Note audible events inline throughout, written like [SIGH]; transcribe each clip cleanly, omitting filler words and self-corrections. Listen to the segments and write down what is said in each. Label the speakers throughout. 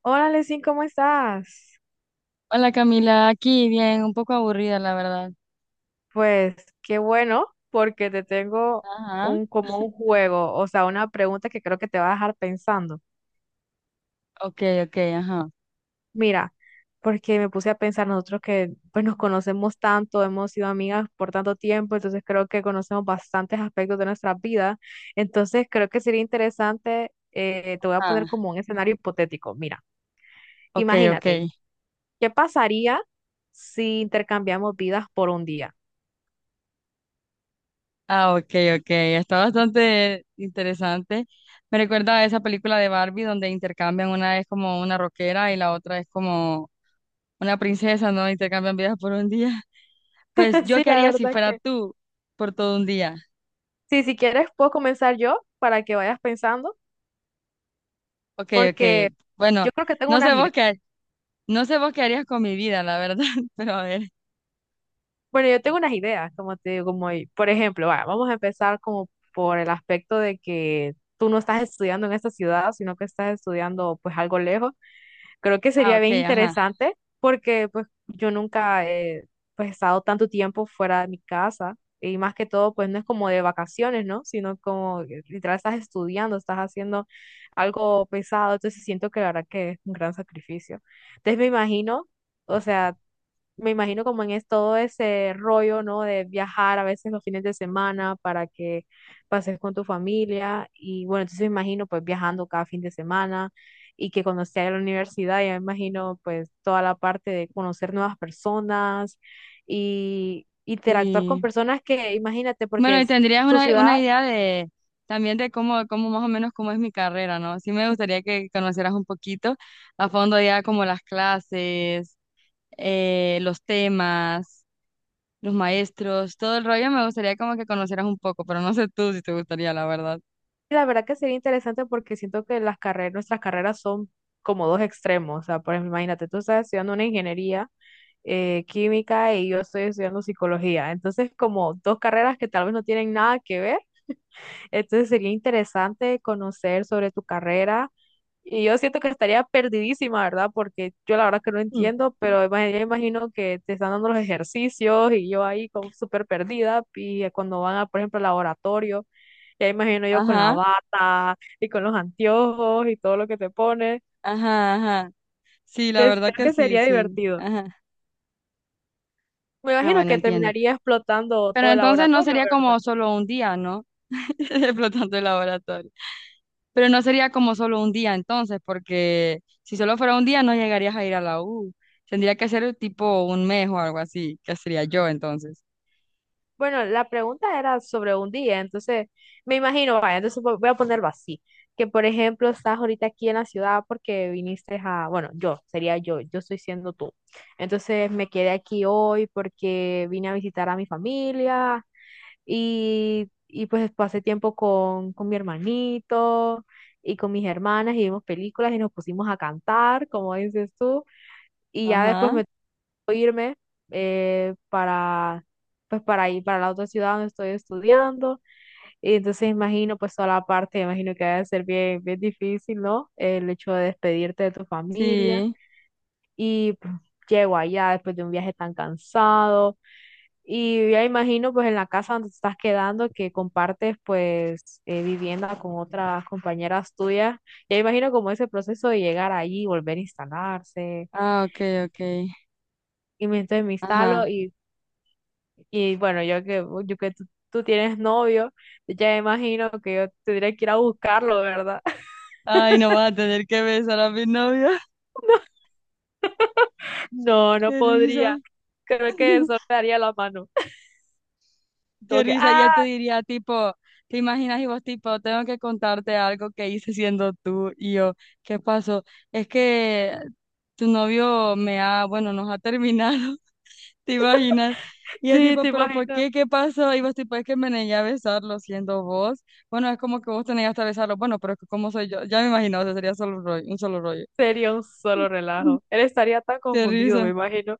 Speaker 1: Hola, Lesin, ¿cómo estás?
Speaker 2: Hola Camila, aquí bien, un poco aburrida la verdad.
Speaker 1: Pues qué bueno, porque te tengo
Speaker 2: Ajá,
Speaker 1: un como un juego, o sea, una pregunta que creo que te va a dejar pensando.
Speaker 2: ok, ok, ajá,
Speaker 1: Mira, porque me puse a pensar nosotros que pues nos conocemos tanto, hemos sido amigas por tanto tiempo, entonces creo que conocemos bastantes aspectos de nuestra vida. Entonces creo que sería interesante, te voy a
Speaker 2: ajá,
Speaker 1: poner como un escenario hipotético. Mira,
Speaker 2: ok, ok,
Speaker 1: imagínate, ¿qué pasaría si intercambiamos vidas por un día?
Speaker 2: ah, ok, ok, está bastante interesante. Me recuerda a esa película de Barbie donde intercambian, una es como una rockera y la otra es como una princesa, ¿no? Intercambian vidas por un día. [LAUGHS] Pues
Speaker 1: [LAUGHS]
Speaker 2: yo
Speaker 1: Sí,
Speaker 2: qué
Speaker 1: la
Speaker 2: haría si
Speaker 1: verdad
Speaker 2: fuera
Speaker 1: que
Speaker 2: tú por todo un día.
Speaker 1: sí, si quieres puedo comenzar yo para que vayas pensando,
Speaker 2: Ok,
Speaker 1: porque
Speaker 2: ok, bueno,
Speaker 1: yo creo que tengo
Speaker 2: no
Speaker 1: unas
Speaker 2: sé vos
Speaker 1: ideas.
Speaker 2: qué, no sé vos qué harías con mi vida, la verdad, [LAUGHS] pero a ver.
Speaker 1: Bueno, yo tengo unas ideas, como te digo, como por ejemplo, va, vamos a empezar como por el aspecto de que tú no estás estudiando en esta ciudad, sino que estás estudiando pues algo lejos. Creo que
Speaker 2: Ah,
Speaker 1: sería
Speaker 2: ok,
Speaker 1: bien
Speaker 2: ajá.
Speaker 1: interesante porque pues yo nunca he pues, estado tanto tiempo fuera de mi casa y más que todo pues no es como de vacaciones, ¿no? Sino como que literal estás estudiando, estás haciendo algo pesado, entonces siento que la verdad que es un gran sacrificio. Entonces me imagino, o sea, me imagino como en es todo ese rollo, ¿no? De viajar a veces los fines de semana para que pases con tu familia. Y bueno, entonces me imagino pues viajando cada fin de semana y que cuando esté en la universidad, ya me imagino pues toda la parte de conocer nuevas personas y interactuar con
Speaker 2: Sí.
Speaker 1: personas que, imagínate, porque
Speaker 2: Bueno, y
Speaker 1: es
Speaker 2: tendrías
Speaker 1: tu
Speaker 2: una
Speaker 1: ciudad,
Speaker 2: idea de también de cómo más o menos cómo es mi carrera, ¿no? Sí me gustaría que conocieras un poquito a fondo ya como las clases, los temas, los maestros, todo el rollo, me gustaría como que conocieras un poco, pero no sé tú si te gustaría, la verdad.
Speaker 1: la verdad que sería interesante porque siento que las carreras, nuestras carreras son como dos extremos. O sea, por ejemplo, imagínate, tú estás estudiando una ingeniería química y yo estoy estudiando psicología. Entonces, como dos carreras que tal vez no tienen nada que ver, entonces sería interesante conocer sobre tu carrera. Y yo siento que estaría perdidísima, ¿verdad? Porque yo la verdad que no
Speaker 2: Mm.
Speaker 1: entiendo, pero yo imagino que te están dando los ejercicios y yo ahí como súper perdida. Y cuando van a, por ejemplo, al laboratorio, ya imagino yo con la
Speaker 2: Ajá,
Speaker 1: bata y con los anteojos y todo lo que te pones.
Speaker 2: ajá, ajá. Sí, la
Speaker 1: Entonces,
Speaker 2: verdad
Speaker 1: creo
Speaker 2: que
Speaker 1: que
Speaker 2: sí,
Speaker 1: sería
Speaker 2: sí.
Speaker 1: divertido.
Speaker 2: Ajá.
Speaker 1: Me
Speaker 2: Ah,
Speaker 1: imagino
Speaker 2: bueno,
Speaker 1: que
Speaker 2: entiendo.
Speaker 1: terminaría explotando
Speaker 2: Pero
Speaker 1: todo el
Speaker 2: entonces no
Speaker 1: laboratorio,
Speaker 2: sería
Speaker 1: ¿verdad?
Speaker 2: como solo un día, ¿no? [LAUGHS] Explotando el laboratorio. Pero no sería como solo un día entonces, porque si solo fuera un día no llegarías a ir a la U. Tendría que ser tipo un mes o algo así, que sería yo entonces.
Speaker 1: Bueno, la pregunta era sobre un día, entonces me imagino, vaya, entonces voy a ponerlo así, que por ejemplo estás ahorita aquí en la ciudad porque viniste a, bueno, yo, sería yo, yo estoy siendo tú. Entonces me quedé aquí hoy porque vine a visitar a mi familia y pues pasé tiempo con mi hermanito y con mis hermanas y vimos películas y nos pusimos a cantar, como dices tú. Y ya después
Speaker 2: Ajá,
Speaker 1: me tocó irme para, pues para ir para la otra ciudad donde estoy estudiando. Y entonces imagino pues toda la parte, imagino que debe ser bien, bien difícil, ¿no? El hecho de despedirte de tu familia
Speaker 2: sí.
Speaker 1: y pues, llego allá después de un viaje tan cansado. Y ya imagino pues en la casa donde te estás quedando que compartes pues vivienda con otras compañeras tuyas. Ya imagino como ese proceso de llegar allí, volver a instalarse.
Speaker 2: Ah, ok, ok.
Speaker 1: Y entonces me
Speaker 2: Ajá.
Speaker 1: instalo. Y bueno, yo que tú tienes novio, ya imagino que yo tendría que ir a buscarlo, ¿verdad? [LAUGHS]
Speaker 2: Ay, no vas a tener que besar a mi novia.
Speaker 1: No,
Speaker 2: [LAUGHS]
Speaker 1: no
Speaker 2: Qué risa.
Speaker 1: podría. Creo que
Speaker 2: [LAUGHS]
Speaker 1: eso me daría la mano. [LAUGHS] Como
Speaker 2: Qué
Speaker 1: que,
Speaker 2: risa. Y
Speaker 1: ah,
Speaker 2: él te diría tipo, ¿te imaginas? Y vos tipo, tengo que contarte algo que hice siendo tú. Y yo, ¿qué pasó? Es que tu novio me ha, bueno, nos ha terminado. ¿Te imaginas? Y es
Speaker 1: sí,
Speaker 2: tipo,
Speaker 1: te
Speaker 2: ¿pero por
Speaker 1: imaginas.
Speaker 2: qué? ¿Qué pasó? Y vos tipo, es que me negué a besarlo siendo vos. Bueno, es como que vos te negaste a besarlo. Bueno, pero es que como soy yo, ya me imagino, o sea, sería solo un rollo, un solo rollo.
Speaker 1: Sería un solo relajo. Él estaría tan
Speaker 2: [LAUGHS] Qué
Speaker 1: confundido, me
Speaker 2: risa.
Speaker 1: imagino.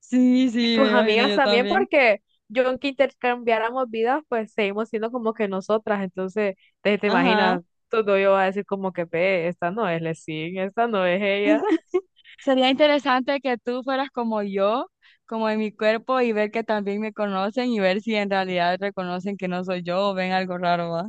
Speaker 2: Sí,
Speaker 1: Y
Speaker 2: sí, me
Speaker 1: tus
Speaker 2: imagino
Speaker 1: amigas
Speaker 2: yo
Speaker 1: también,
Speaker 2: también.
Speaker 1: porque yo aunque intercambiáramos vidas, pues seguimos siendo como que nosotras. Entonces, te
Speaker 2: Ajá.
Speaker 1: imaginas, todo yo va a decir como que, ve, esta no es Lesin, esta no es ella.
Speaker 2: [LAUGHS] Sería interesante que tú fueras como yo, como en mi cuerpo, y ver que también me conocen y ver si en realidad reconocen que no soy yo o ven algo raro, ¿va?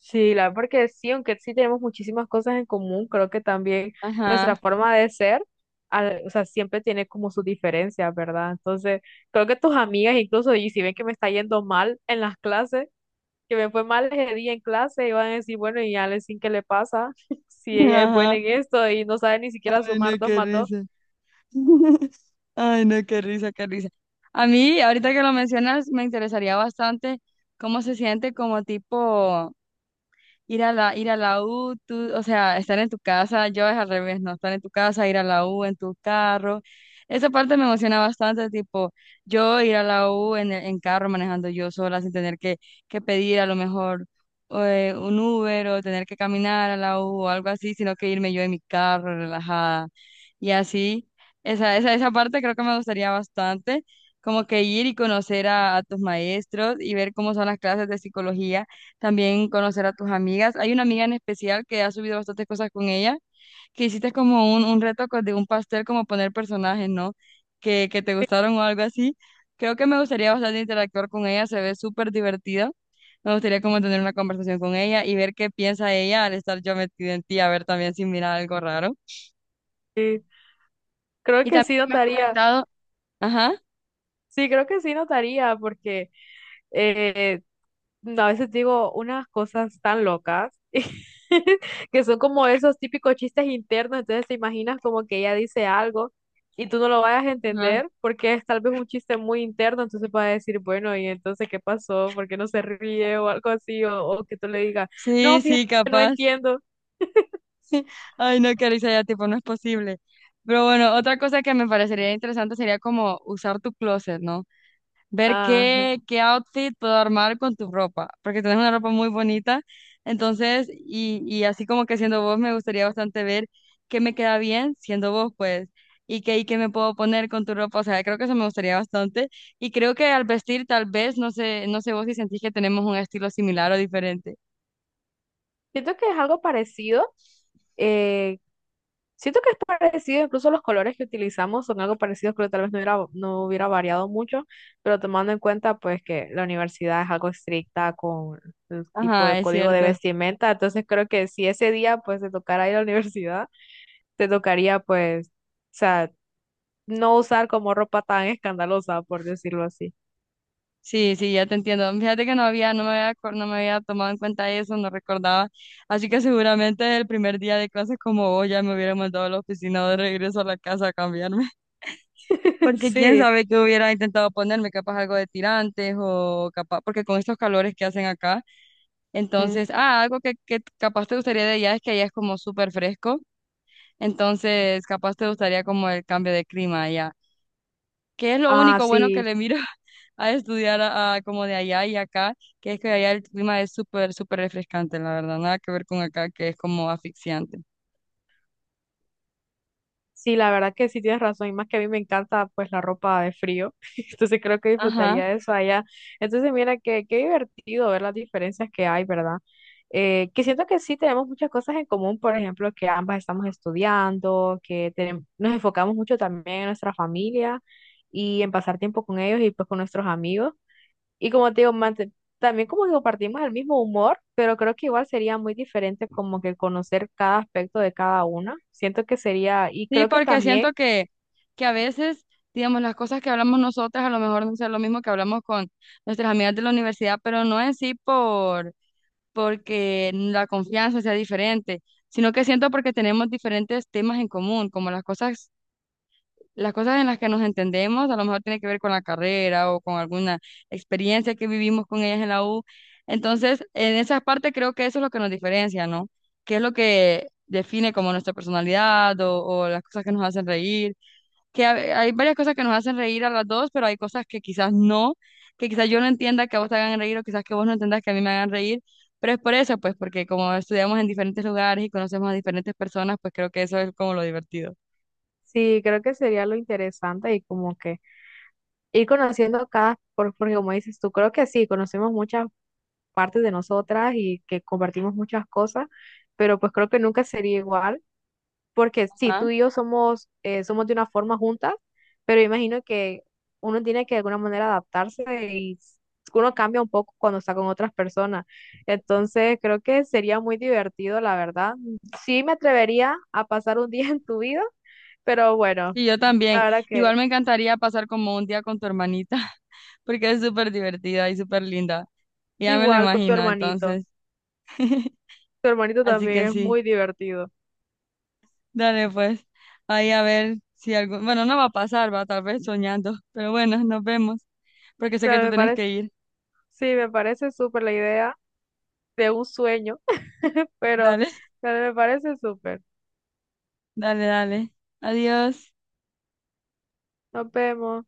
Speaker 1: Sí, la verdad, porque sí, aunque sí tenemos muchísimas cosas en común, creo que también nuestra
Speaker 2: Ajá.
Speaker 1: forma de ser, o sea, siempre tiene como sus diferencias, ¿verdad? Entonces, creo que tus amigas incluso, y si ven que me está yendo mal en las clases, que me fue mal ese día en clase, y van a decir, bueno, y Alexin, ¿qué le pasa? [LAUGHS] Si
Speaker 2: [LAUGHS]
Speaker 1: ella es buena
Speaker 2: Ajá.
Speaker 1: en esto y no sabe ni siquiera
Speaker 2: Ay, no,
Speaker 1: sumar dos
Speaker 2: qué
Speaker 1: más dos.
Speaker 2: risa. [LAUGHS] Ay, no, qué risa, qué risa. A mí, ahorita que lo mencionas, me interesaría bastante cómo se siente como tipo ir a la U, tú- o sea, estar en tu casa, yo es al revés, no, estar en tu casa, ir a la U en tu carro. Esa parte me emociona bastante, tipo, yo ir a la U en, el- en carro manejando yo sola sin tener que pedir a lo mejor un Uber o tener que caminar a la U o algo así, sino que irme yo en mi carro relajada y así. Esa parte creo que me gustaría bastante, como que ir y conocer a tus maestros y ver cómo son las clases de psicología, también conocer a tus amigas. Hay una amiga en especial que ha subido bastantes cosas con ella, que hiciste como un reto co- de un pastel, como poner personajes, ¿no? Que te gustaron o algo así. Creo que me gustaría bastante interactuar con ella, se ve súper divertida. Me gustaría como tener una conversación con ella y ver qué piensa ella al estar yo metida en ti, a ver también si mira algo raro.
Speaker 1: Sí, creo
Speaker 2: Y
Speaker 1: que
Speaker 2: también
Speaker 1: sí
Speaker 2: que me has
Speaker 1: notaría,
Speaker 2: comentado, ajá,
Speaker 1: sí, creo que sí notaría, porque eh, no, a veces digo unas cosas tan locas [LAUGHS] que son como esos típicos chistes internos, entonces te imaginas como que ella dice algo y tú no lo vayas a
Speaker 2: ajá,
Speaker 1: entender porque es tal vez un chiste muy interno, entonces vas a decir, bueno, ¿y entonces qué pasó? ¿Por qué no se ríe o algo así? O que tú le digas, no,
Speaker 2: sí,
Speaker 1: fíjate,
Speaker 2: sí,
Speaker 1: no
Speaker 2: capaz.
Speaker 1: entiendo.
Speaker 2: Ay, no, Carissa, ya tipo, no es posible. Pero bueno, otra cosa que me parecería interesante sería como usar tu closet, ¿no? Ver
Speaker 1: Ajá.
Speaker 2: qué outfit puedo armar con tu ropa, porque tienes una ropa muy bonita. Entonces, y así como que siendo vos, me gustaría bastante ver qué me queda bien siendo vos, pues, y qué me puedo poner con tu ropa. O sea, creo que eso me gustaría bastante. Y creo que al vestir, tal vez, no sé vos si sentís que tenemos un estilo similar o diferente.
Speaker 1: Siento que es algo parecido. eh, Siento que es parecido, incluso los colores que utilizamos son algo parecidos, creo que tal vez no hubiera variado mucho, pero tomando en cuenta pues que la universidad es algo estricta con el tipo
Speaker 2: Ajá,
Speaker 1: de
Speaker 2: es
Speaker 1: código de
Speaker 2: cierto.
Speaker 1: vestimenta, entonces creo que si ese día pues te tocara ir a la universidad, te tocaría pues, o sea, no usar como ropa tan escandalosa, por decirlo así.
Speaker 2: Sí, sí, ya te entiendo. Fíjate que acor- no me había tomado en cuenta eso, no recordaba. Así que seguramente el primer día de clases como vos ya me hubiera mandado a la oficina de regreso a la casa a cambiarme. [LAUGHS]
Speaker 1: [LAUGHS]
Speaker 2: Porque quién
Speaker 1: Sí.
Speaker 2: sabe qué hubiera intentado ponerme, capaz algo de tirantes o capaz, porque con estos calores que hacen acá,
Speaker 1: Mm.
Speaker 2: entonces, ah, algo que capaz te gustaría de allá es que allá es como súper fresco, entonces capaz te gustaría como el cambio de clima allá, que es lo
Speaker 1: Ah,
Speaker 2: único bueno que
Speaker 1: sí.
Speaker 2: le miro [LAUGHS] a estudiar a como de allá y acá, que es que allá el clima es súper, súper refrescante, la verdad, nada que ver con acá, que es como asfixiante.
Speaker 1: Sí, la verdad que sí tienes razón, y más que a mí me encanta pues la ropa de frío, [LAUGHS] entonces creo que
Speaker 2: Ajá,
Speaker 1: disfrutaría de eso allá. Entonces mira qué qué divertido ver las diferencias que hay, ¿verdad? Que siento que sí tenemos muchas cosas en común, por ejemplo, que ambas estamos estudiando, que nos enfocamos mucho también en nuestra familia y en pasar tiempo con ellos y pues con nuestros amigos. Y como te digo, también como que compartimos el mismo humor, pero creo que igual sería muy diferente como que conocer cada aspecto de cada una. Siento que sería, y
Speaker 2: sí,
Speaker 1: creo que
Speaker 2: porque
Speaker 1: también,
Speaker 2: siento que a veces, digamos, las cosas que hablamos nosotras a lo mejor no son lo mismo que hablamos con nuestras amigas de la universidad, pero no en sí porque la confianza sea diferente, sino que siento porque tenemos diferentes temas en común, como las cosas. Las cosas en las que nos entendemos, a lo mejor tiene que ver con la carrera o con alguna experiencia que vivimos con ellas en la U. Entonces, en esa parte creo que eso es lo que nos diferencia, ¿no? ¿Qué es lo que define como nuestra personalidad o las cosas que nos hacen reír? Que ha- hay varias cosas que nos hacen reír a las dos, pero hay cosas que quizás no, que quizás yo no entienda que a vos te hagan reír o quizás que vos no entendas que a mí me hagan reír. Pero es por eso, pues, porque como estudiamos en diferentes lugares y conocemos a diferentes personas, pues creo que eso es como lo divertido.
Speaker 1: sí, creo que sería lo interesante y como que ir conociendo cada, porque como dices tú, creo que sí, conocemos muchas partes de nosotras y que compartimos muchas cosas, pero pues creo que nunca sería igual porque sí, tú y yo somos, somos de una forma juntas, pero imagino que uno tiene que de alguna manera adaptarse y uno cambia un poco cuando está con otras personas. Entonces, creo que sería muy divertido, la verdad. Sí me atrevería a pasar un [LAUGHS] día en tu vida, pero bueno,
Speaker 2: Y yo también.
Speaker 1: la verdad que
Speaker 2: Igual me encantaría pasar como un día con tu hermanita, [LAUGHS] porque es súper divertida y súper linda. Ya me lo
Speaker 1: igual con tu
Speaker 2: imagino,
Speaker 1: hermanito.
Speaker 2: entonces. [LAUGHS]
Speaker 1: Tu hermanito
Speaker 2: Así
Speaker 1: también
Speaker 2: que
Speaker 1: es
Speaker 2: sí,
Speaker 1: muy divertido. O
Speaker 2: dale pues. Ahí a ver si algo... Bueno, no va a pasar, va tal vez soñando, pero bueno, nos vemos, porque sé que te
Speaker 1: me
Speaker 2: tenés
Speaker 1: parece,
Speaker 2: que ir.
Speaker 1: sí, me parece súper la idea de un sueño, [LAUGHS] pero,
Speaker 2: Dale, [LAUGHS]
Speaker 1: pero me parece súper.
Speaker 2: dale, dale. Adiós.
Speaker 1: Nos vemos.